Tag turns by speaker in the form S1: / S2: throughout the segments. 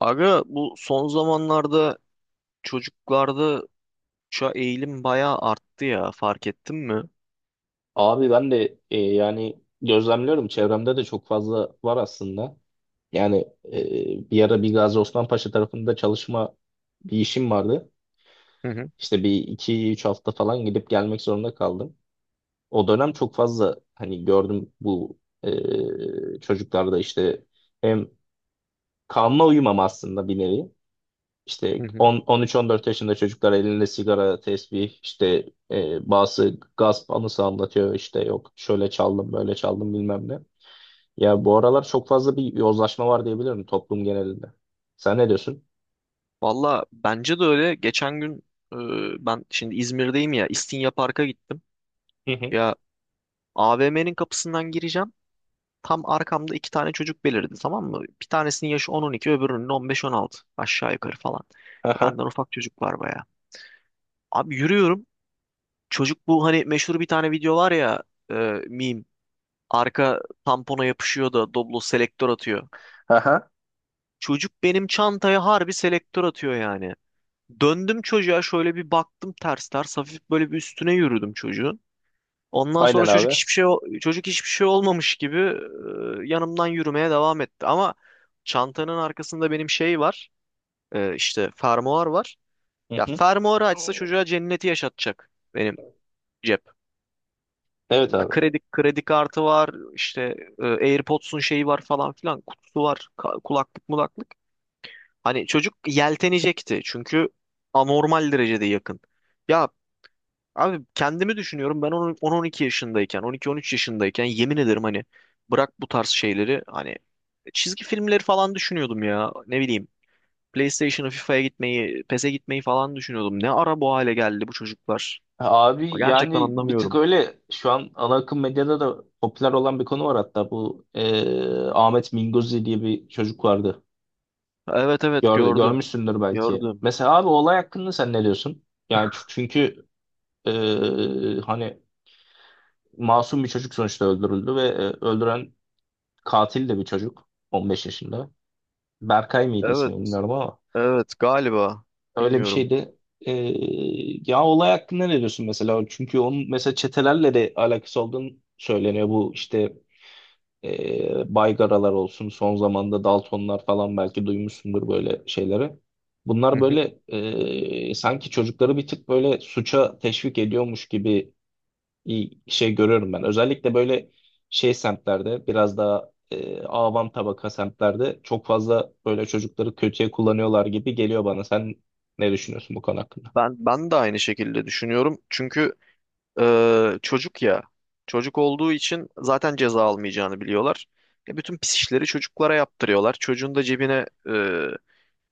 S1: Aga, bu son zamanlarda çocuklarda şu eğilim bayağı arttı ya, fark ettin mi?
S2: Abi ben de yani gözlemliyorum çevremde de çok fazla var aslında. Yani bir ara bir Gazi Osman Paşa tarafında çalışma bir işim vardı.
S1: Hı hı,
S2: İşte bir iki üç hafta falan gidip gelmek zorunda kaldım. O dönem çok fazla hani gördüm bu çocuklarda işte hem kanuna uyumam aslında bir nevi. İşte
S1: hı hı.
S2: 10, 13-14 yaşında çocuklar elinde sigara, tesbih, işte bazı gasp anısı anlatıyor. İşte yok şöyle çaldım, böyle çaldım bilmem ne. Ya bu aralar çok fazla bir yozlaşma var diyebilirim toplum genelinde. Sen ne diyorsun?
S1: Valla bence de öyle. Geçen gün e, ben şimdi İzmir'deyim ya, İstinye Park'a gittim.
S2: Hı hı.
S1: Ya, AVM'nin kapısından gireceğim. Tam arkamda iki tane çocuk belirdi, tamam mı? Bir tanesinin yaşı 10-12, öbürünün 15-16 aşağı yukarı falan.
S2: Aha.
S1: Benden ufak çocuk var bayağı. Abi, yürüyorum. Çocuk bu, hani meşhur bir tane video var ya, e, meme. Arka tampona yapışıyor da Doblo selektör atıyor.
S2: Aha.
S1: Çocuk benim çantaya harbi selektör atıyor yani. Döndüm çocuğa şöyle bir baktım ters ters, hafif böyle bir üstüne yürüdüm çocuğun. Ondan sonra
S2: Aynen abi.
S1: çocuk hiçbir şey olmamış gibi yanımdan yürümeye devam etti. Ama çantanın arkasında benim şey var, işte fermuar var.
S2: Hı
S1: Ya
S2: hı.
S1: fermuarı açsa çocuğa cenneti yaşatacak benim cep.
S2: Evet abi.
S1: Kredi kartı var, işte AirPods'un şeyi var falan filan, kutusu var, kulaklık mulaklık. Hani çocuk yeltenecekti, çünkü anormal derecede yakın. Ya abi, kendimi düşünüyorum ben 10-12 yaşındayken, 12-13 yaşındayken, yemin ederim hani, bırak bu tarz şeyleri, hani çizgi filmleri falan düşünüyordum ya, ne bileyim. PlayStation'a, FIFA'ya gitmeyi, PES'e gitmeyi falan düşünüyordum. Ne ara bu hale geldi bu çocuklar?
S2: Abi
S1: Gerçekten
S2: yani bir tık
S1: anlamıyorum.
S2: öyle şu an ana akım medyada da popüler olan bir konu var, hatta bu Ahmet Minguzi diye bir çocuk vardı.
S1: Evet, evet, gördüm.
S2: Görmüşsündür belki.
S1: Gördüm.
S2: Mesela abi olay hakkında sen ne diyorsun? Yani çünkü hani masum bir çocuk sonuçta öldürüldü ve öldüren katil de bir çocuk, 15 yaşında. Berkay mıydı ismi
S1: Evet,
S2: bilmiyorum ama
S1: evet galiba.
S2: öyle bir
S1: Bilmiyorum.
S2: şeydi. Ee, Ya olay hakkında ne diyorsun mesela? Çünkü onun mesela çetelerle de alakası olduğunu söyleniyor. Bu işte Baygaralar olsun, son zamanda Daltonlar falan belki duymuşsundur böyle şeyleri.
S1: Hı
S2: Bunlar
S1: hı.
S2: böyle sanki çocukları bir tık böyle suça teşvik ediyormuş gibi iyi şey görüyorum ben. Özellikle böyle şey semtlerde, biraz daha avam tabaka semtlerde çok fazla böyle çocukları kötüye kullanıyorlar gibi geliyor bana. Sen ne düşünüyorsun bu konu hakkında?
S1: Ben de aynı şekilde düşünüyorum. Çünkü çocuk ya. Çocuk olduğu için zaten ceza almayacağını biliyorlar. E, bütün pis işleri çocuklara yaptırıyorlar. Çocuğun da cebine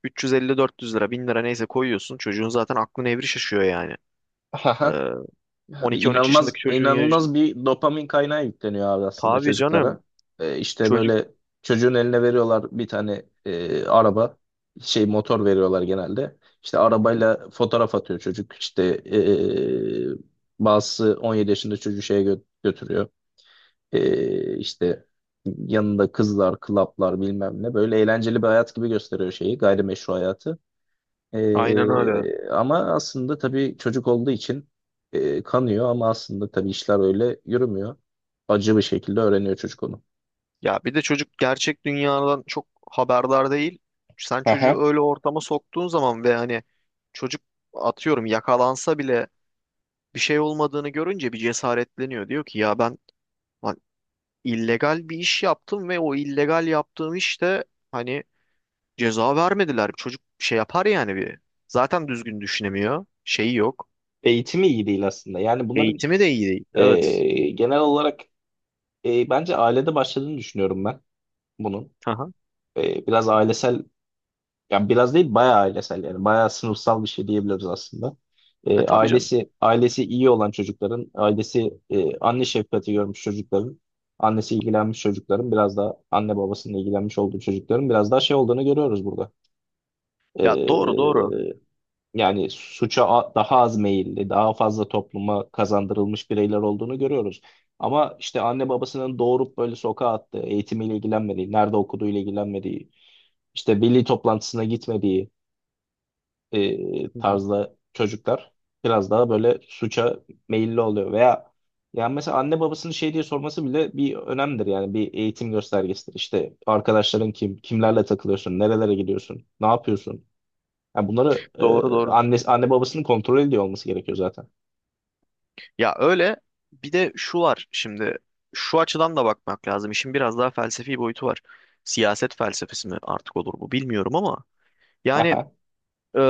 S1: 350-400 lira, 1000 lira neyse koyuyorsun. Çocuğun zaten aklı nevri şaşıyor yani. E,
S2: Aha. Yani
S1: 12-13
S2: inanılmaz
S1: yaşındaki çocuğun ya...
S2: inanılmaz bir dopamin kaynağı yükleniyor abi aslında
S1: Tabii canım.
S2: çocuklara. İşte
S1: Çocuk.
S2: böyle çocuğun eline veriyorlar bir tane araba şey motor veriyorlar genelde. İşte
S1: Hı hı.
S2: arabayla fotoğraf atıyor çocuk. İşte bazısı 17 yaşında çocuğu şeye götürüyor. İşte yanında kızlar, klaplar bilmem ne, böyle eğlenceli bir hayat gibi gösteriyor şeyi, gayrimeşru hayatı.
S1: Aynen öyle.
S2: Ama aslında tabii çocuk olduğu için kanıyor, ama aslında tabii işler öyle yürümüyor. Acı bir şekilde öğreniyor çocuk onu.
S1: Ya bir de çocuk gerçek dünyadan çok haberdar değil. Sen çocuğu
S2: Aha.
S1: öyle ortama soktuğun zaman, ve hani çocuk, atıyorum, yakalansa bile bir şey olmadığını görünce bir cesaretleniyor. Diyor ki ya ben, lan, illegal bir iş yaptım ve o illegal yaptığım işte, hani, ceza vermediler. Çocuk şey yapar yani bir. Zaten düzgün düşünemiyor. Şeyi yok.
S2: Eğitimi iyi değil aslında. Yani bunların
S1: Eğitimi de iyi değil. Evet.
S2: genel olarak bence ailede başladığını düşünüyorum ben bunun.
S1: Aha.
S2: Biraz ailesel. Yani biraz değil, bayağı ailesel, yani bayağı sınıfsal bir şey diyebiliriz aslında.
S1: E tabii canım.
S2: Ailesi iyi olan çocukların, ailesi anne şefkati görmüş çocukların, annesi ilgilenmiş çocukların, biraz daha anne babasının ilgilenmiş olduğu çocukların biraz daha şey olduğunu görüyoruz burada.
S1: Ya, doğru, doğru.
S2: Ee, Yani suça daha az meyilli, daha fazla topluma kazandırılmış bireyler olduğunu görüyoruz. Ama işte anne babasının doğurup böyle sokağa attığı, eğitimiyle ilgilenmediği, nerede okuduğuyla ilgilenmediği, işte milli toplantısına gitmediği,
S1: Hı hı.
S2: tarzda çocuklar biraz daha böyle suça meyilli oluyor. Veya yani mesela anne babasının şey diye sorması bile bir önemdir, yani bir eğitim göstergesidir. İşte arkadaşların kim, kimlerle takılıyorsun, nerelere gidiyorsun, ne yapıyorsun? Yani bunları
S1: Doğru, doğru.
S2: anne babasının kontrol ediyor olması gerekiyor zaten.
S1: Ya öyle. Bir de şu var şimdi, şu açıdan da bakmak lazım. İşin biraz daha felsefi boyutu var. Siyaset felsefesi mi artık olur bu, bilmiyorum ama yani,
S2: Aha,
S1: eee,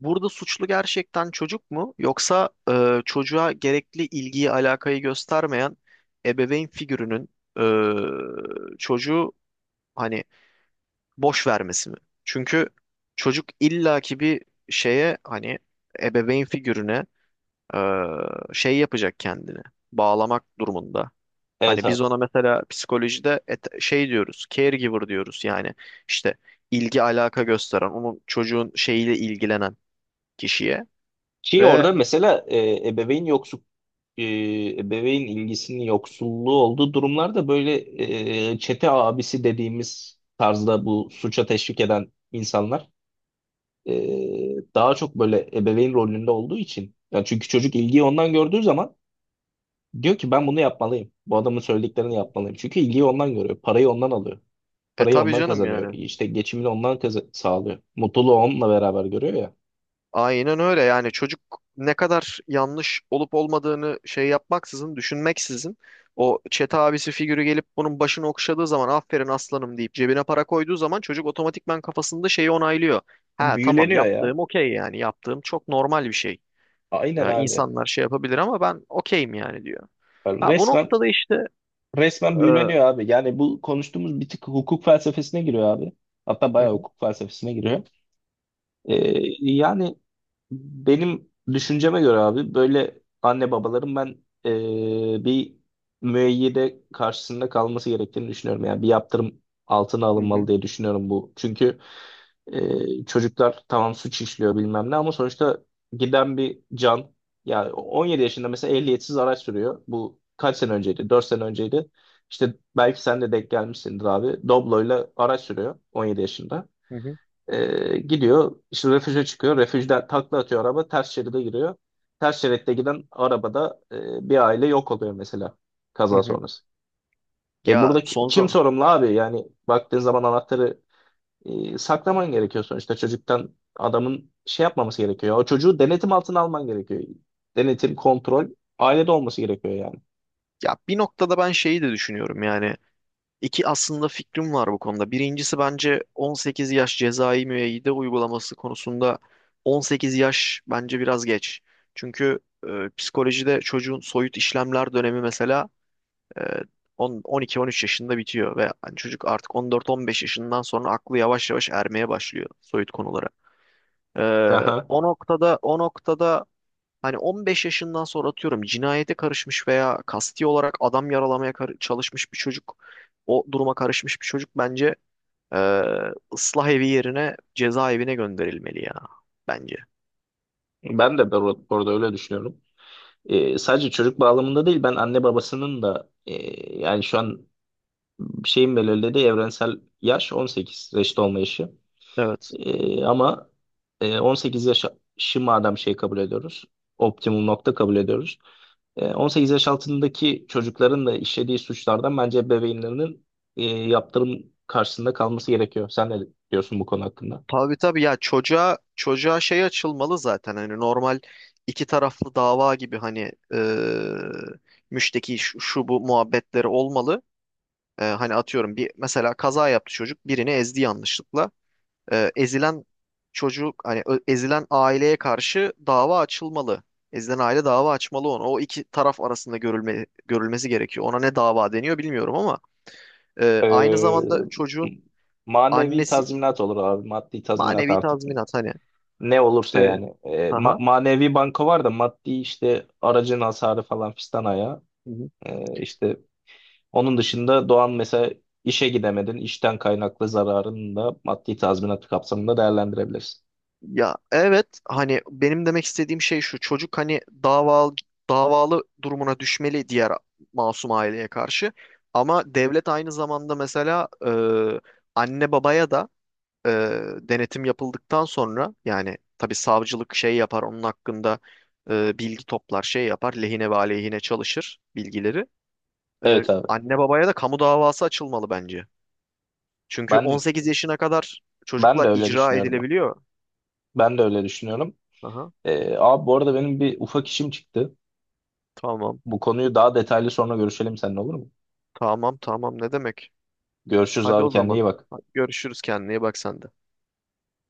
S1: burada suçlu gerçekten çocuk mu, yoksa çocuğa gerekli ilgiyi alakayı göstermeyen ebeveyn figürünün çocuğu, hani, boş vermesi mi? Çünkü çocuk illaki bir şeye, hani ebeveyn figürüne e, şey yapacak kendini. Bağlamak durumunda.
S2: evet
S1: Hani biz
S2: abi.
S1: ona mesela psikolojide şey diyoruz, caregiver diyoruz yani, işte ilgi alaka gösteren, onun, çocuğun şeyiyle ilgilenen kişiye.
S2: Ki
S1: Ve
S2: orada mesela ebeveyn yoksul, e, ebeveyn ilgisinin yoksulluğu olduğu durumlarda, böyle çete abisi dediğimiz tarzda bu suça teşvik eden insanlar e, daha çok böyle ebeveyn rolünde olduğu için. Yani çünkü çocuk ilgiyi ondan gördüğü zaman diyor ki ben bunu yapmalıyım. Bu adamın söylediklerini yapmalıyım. Çünkü ilgiyi ondan görüyor. Parayı ondan alıyor. Parayı
S1: tabii
S2: ondan
S1: canım
S2: kazanıyor.
S1: yani,
S2: İşte geçimini ondan sağlıyor. Mutluluğu onunla beraber görüyor ya.
S1: aynen öyle yani. Çocuk, ne kadar yanlış olup olmadığını şey yapmaksızın, düşünmeksizin, o çete abisi figürü gelip bunun başını okşadığı zaman, aferin aslanım deyip cebine para koyduğu zaman, çocuk otomatikman kafasında şeyi onaylıyor. Ha, tamam,
S2: Büyüleniyor ya.
S1: yaptığım okey yani, yaptığım çok normal bir şey.
S2: Aynen abi.
S1: İnsanlar şey yapabilir ama ben okeyim yani, diyor.
S2: Yani
S1: Ha, bu
S2: Resmen
S1: noktada işte
S2: resmen
S1: hı
S2: büyüleniyor abi. Yani bu konuştuğumuz bir tık hukuk felsefesine giriyor abi. Hatta bayağı
S1: hı,
S2: hukuk felsefesine giriyor. Ee, Yani benim düşünceme göre abi, böyle anne babaların ben bir müeyyide karşısında kalması gerektiğini düşünüyorum. Yani bir yaptırım altına
S1: hı
S2: alınmalı
S1: hı,
S2: diye düşünüyorum bu. Çünkü çocuklar tamam suç işliyor bilmem ne, ama sonuçta giden bir can. Yani 17 yaşında mesela ehliyetsiz araç sürüyor. Bu kaç sene önceydi? 4 sene önceydi. İşte belki sen de denk gelmişsindir abi. Doblo'yla araç sürüyor 17 yaşında.
S1: hı hı,
S2: Gidiyor işte refüje çıkıyor. Refüjden takla atıyor araba, ters şeride giriyor. Ters şeritte giden arabada bir aile yok oluyor mesela,
S1: hı
S2: kaza
S1: hı.
S2: sonrası.
S1: Ya
S2: Burada
S1: son
S2: kim
S1: zaman
S2: sorumlu abi? Yani baktığın zaman anahtarı saklaman gerekiyor sonuçta çocuktan, adamın şey yapmaması gerekiyor. O çocuğu denetim altına alman gerekiyor. Denetim, kontrol ailede olması gerekiyor yani.
S1: ya bir noktada ben şeyi de düşünüyorum yani. İki aslında fikrim var bu konuda. Birincisi, bence 18 yaş cezai müeyyide uygulaması konusunda 18 yaş bence biraz geç. Çünkü e, psikolojide çocuğun soyut işlemler dönemi mesela e, 10 12-13 yaşında bitiyor ve hani çocuk artık 14-15 yaşından sonra aklı yavaş yavaş ermeye başlıyor soyut konulara. E,
S2: Aha,
S1: o noktada, hani 15 yaşından sonra, atıyorum, cinayete karışmış veya kasti olarak adam yaralamaya çalışmış bir çocuk, o duruma karışmış bir çocuk bence e, ıslah evi yerine cezaevine gönderilmeli ya, bence.
S2: ben de bu arada öyle düşünüyorum. Sadece çocuk bağlamında değil, ben anne babasının da yani şu an şeyin belirlediği evrensel yaş 18, reşit olma yaşı.
S1: Evet.
S2: Ama 18 yaşı madem şey kabul ediyoruz, optimum nokta kabul ediyoruz. 18 yaş altındaki çocukların da işlediği suçlardan bence ebeveynlerinin yaptırım karşısında kalması gerekiyor. Sen ne diyorsun bu konu hakkında?
S1: Tabii, tabii ya, çocuğa şey açılmalı zaten, hani normal iki taraflı dava gibi, hani müşteki şu bu muhabbetleri olmalı. E, hani atıyorum, bir mesela kaza yaptı çocuk, birini ezdi yanlışlıkla. Ezilen çocuk, hani ezilen aileye karşı dava açılmalı. Ezilen aile dava açmalı onu. O iki taraf arasında görülmesi gerekiyor. Ona ne dava deniyor bilmiyorum ama aynı zamanda
S2: Ee,
S1: çocuğun
S2: Manevi
S1: annesi
S2: tazminat olur abi. Maddi tazminat
S1: manevi
S2: artık
S1: tazminat hani.
S2: ne olursa
S1: E,
S2: yani.
S1: haha.
S2: Manevi banko var da, maddi işte aracın hasarı falan fistan ayağı.
S1: Hı hı.
S2: İşte onun dışında Doğan mesela, işe gidemedin. İşten kaynaklı zararını da maddi tazminat kapsamında değerlendirebilirsin.
S1: Ya evet, hani benim demek istediğim şey şu: çocuk, hani, davalı durumuna düşmeli diğer masum aileye karşı. Ama devlet aynı zamanda, mesela anne babaya da e, denetim yapıldıktan sonra, yani tabii savcılık şey yapar onun hakkında, bilgi toplar, şey yapar, lehine ve aleyhine çalışır bilgileri. E,
S2: Evet abi.
S1: anne babaya da kamu davası açılmalı bence. Çünkü
S2: Ben
S1: 18 yaşına kadar
S2: Ben de
S1: çocuklar
S2: öyle
S1: icra
S2: düşünüyorum.
S1: edilebiliyor.
S2: Ben de öyle düşünüyorum.
S1: Aha,
S2: Abi bu arada benim bir ufak işim çıktı.
S1: tamam,
S2: Bu konuyu daha detaylı sonra görüşelim seninle, olur mu?
S1: tamam, tamam, ne demek.
S2: Görüşürüz
S1: Hadi
S2: abi,
S1: o
S2: kendine
S1: zaman.
S2: iyi bak.
S1: Hadi, görüşürüz, kendine iyi bak sen de.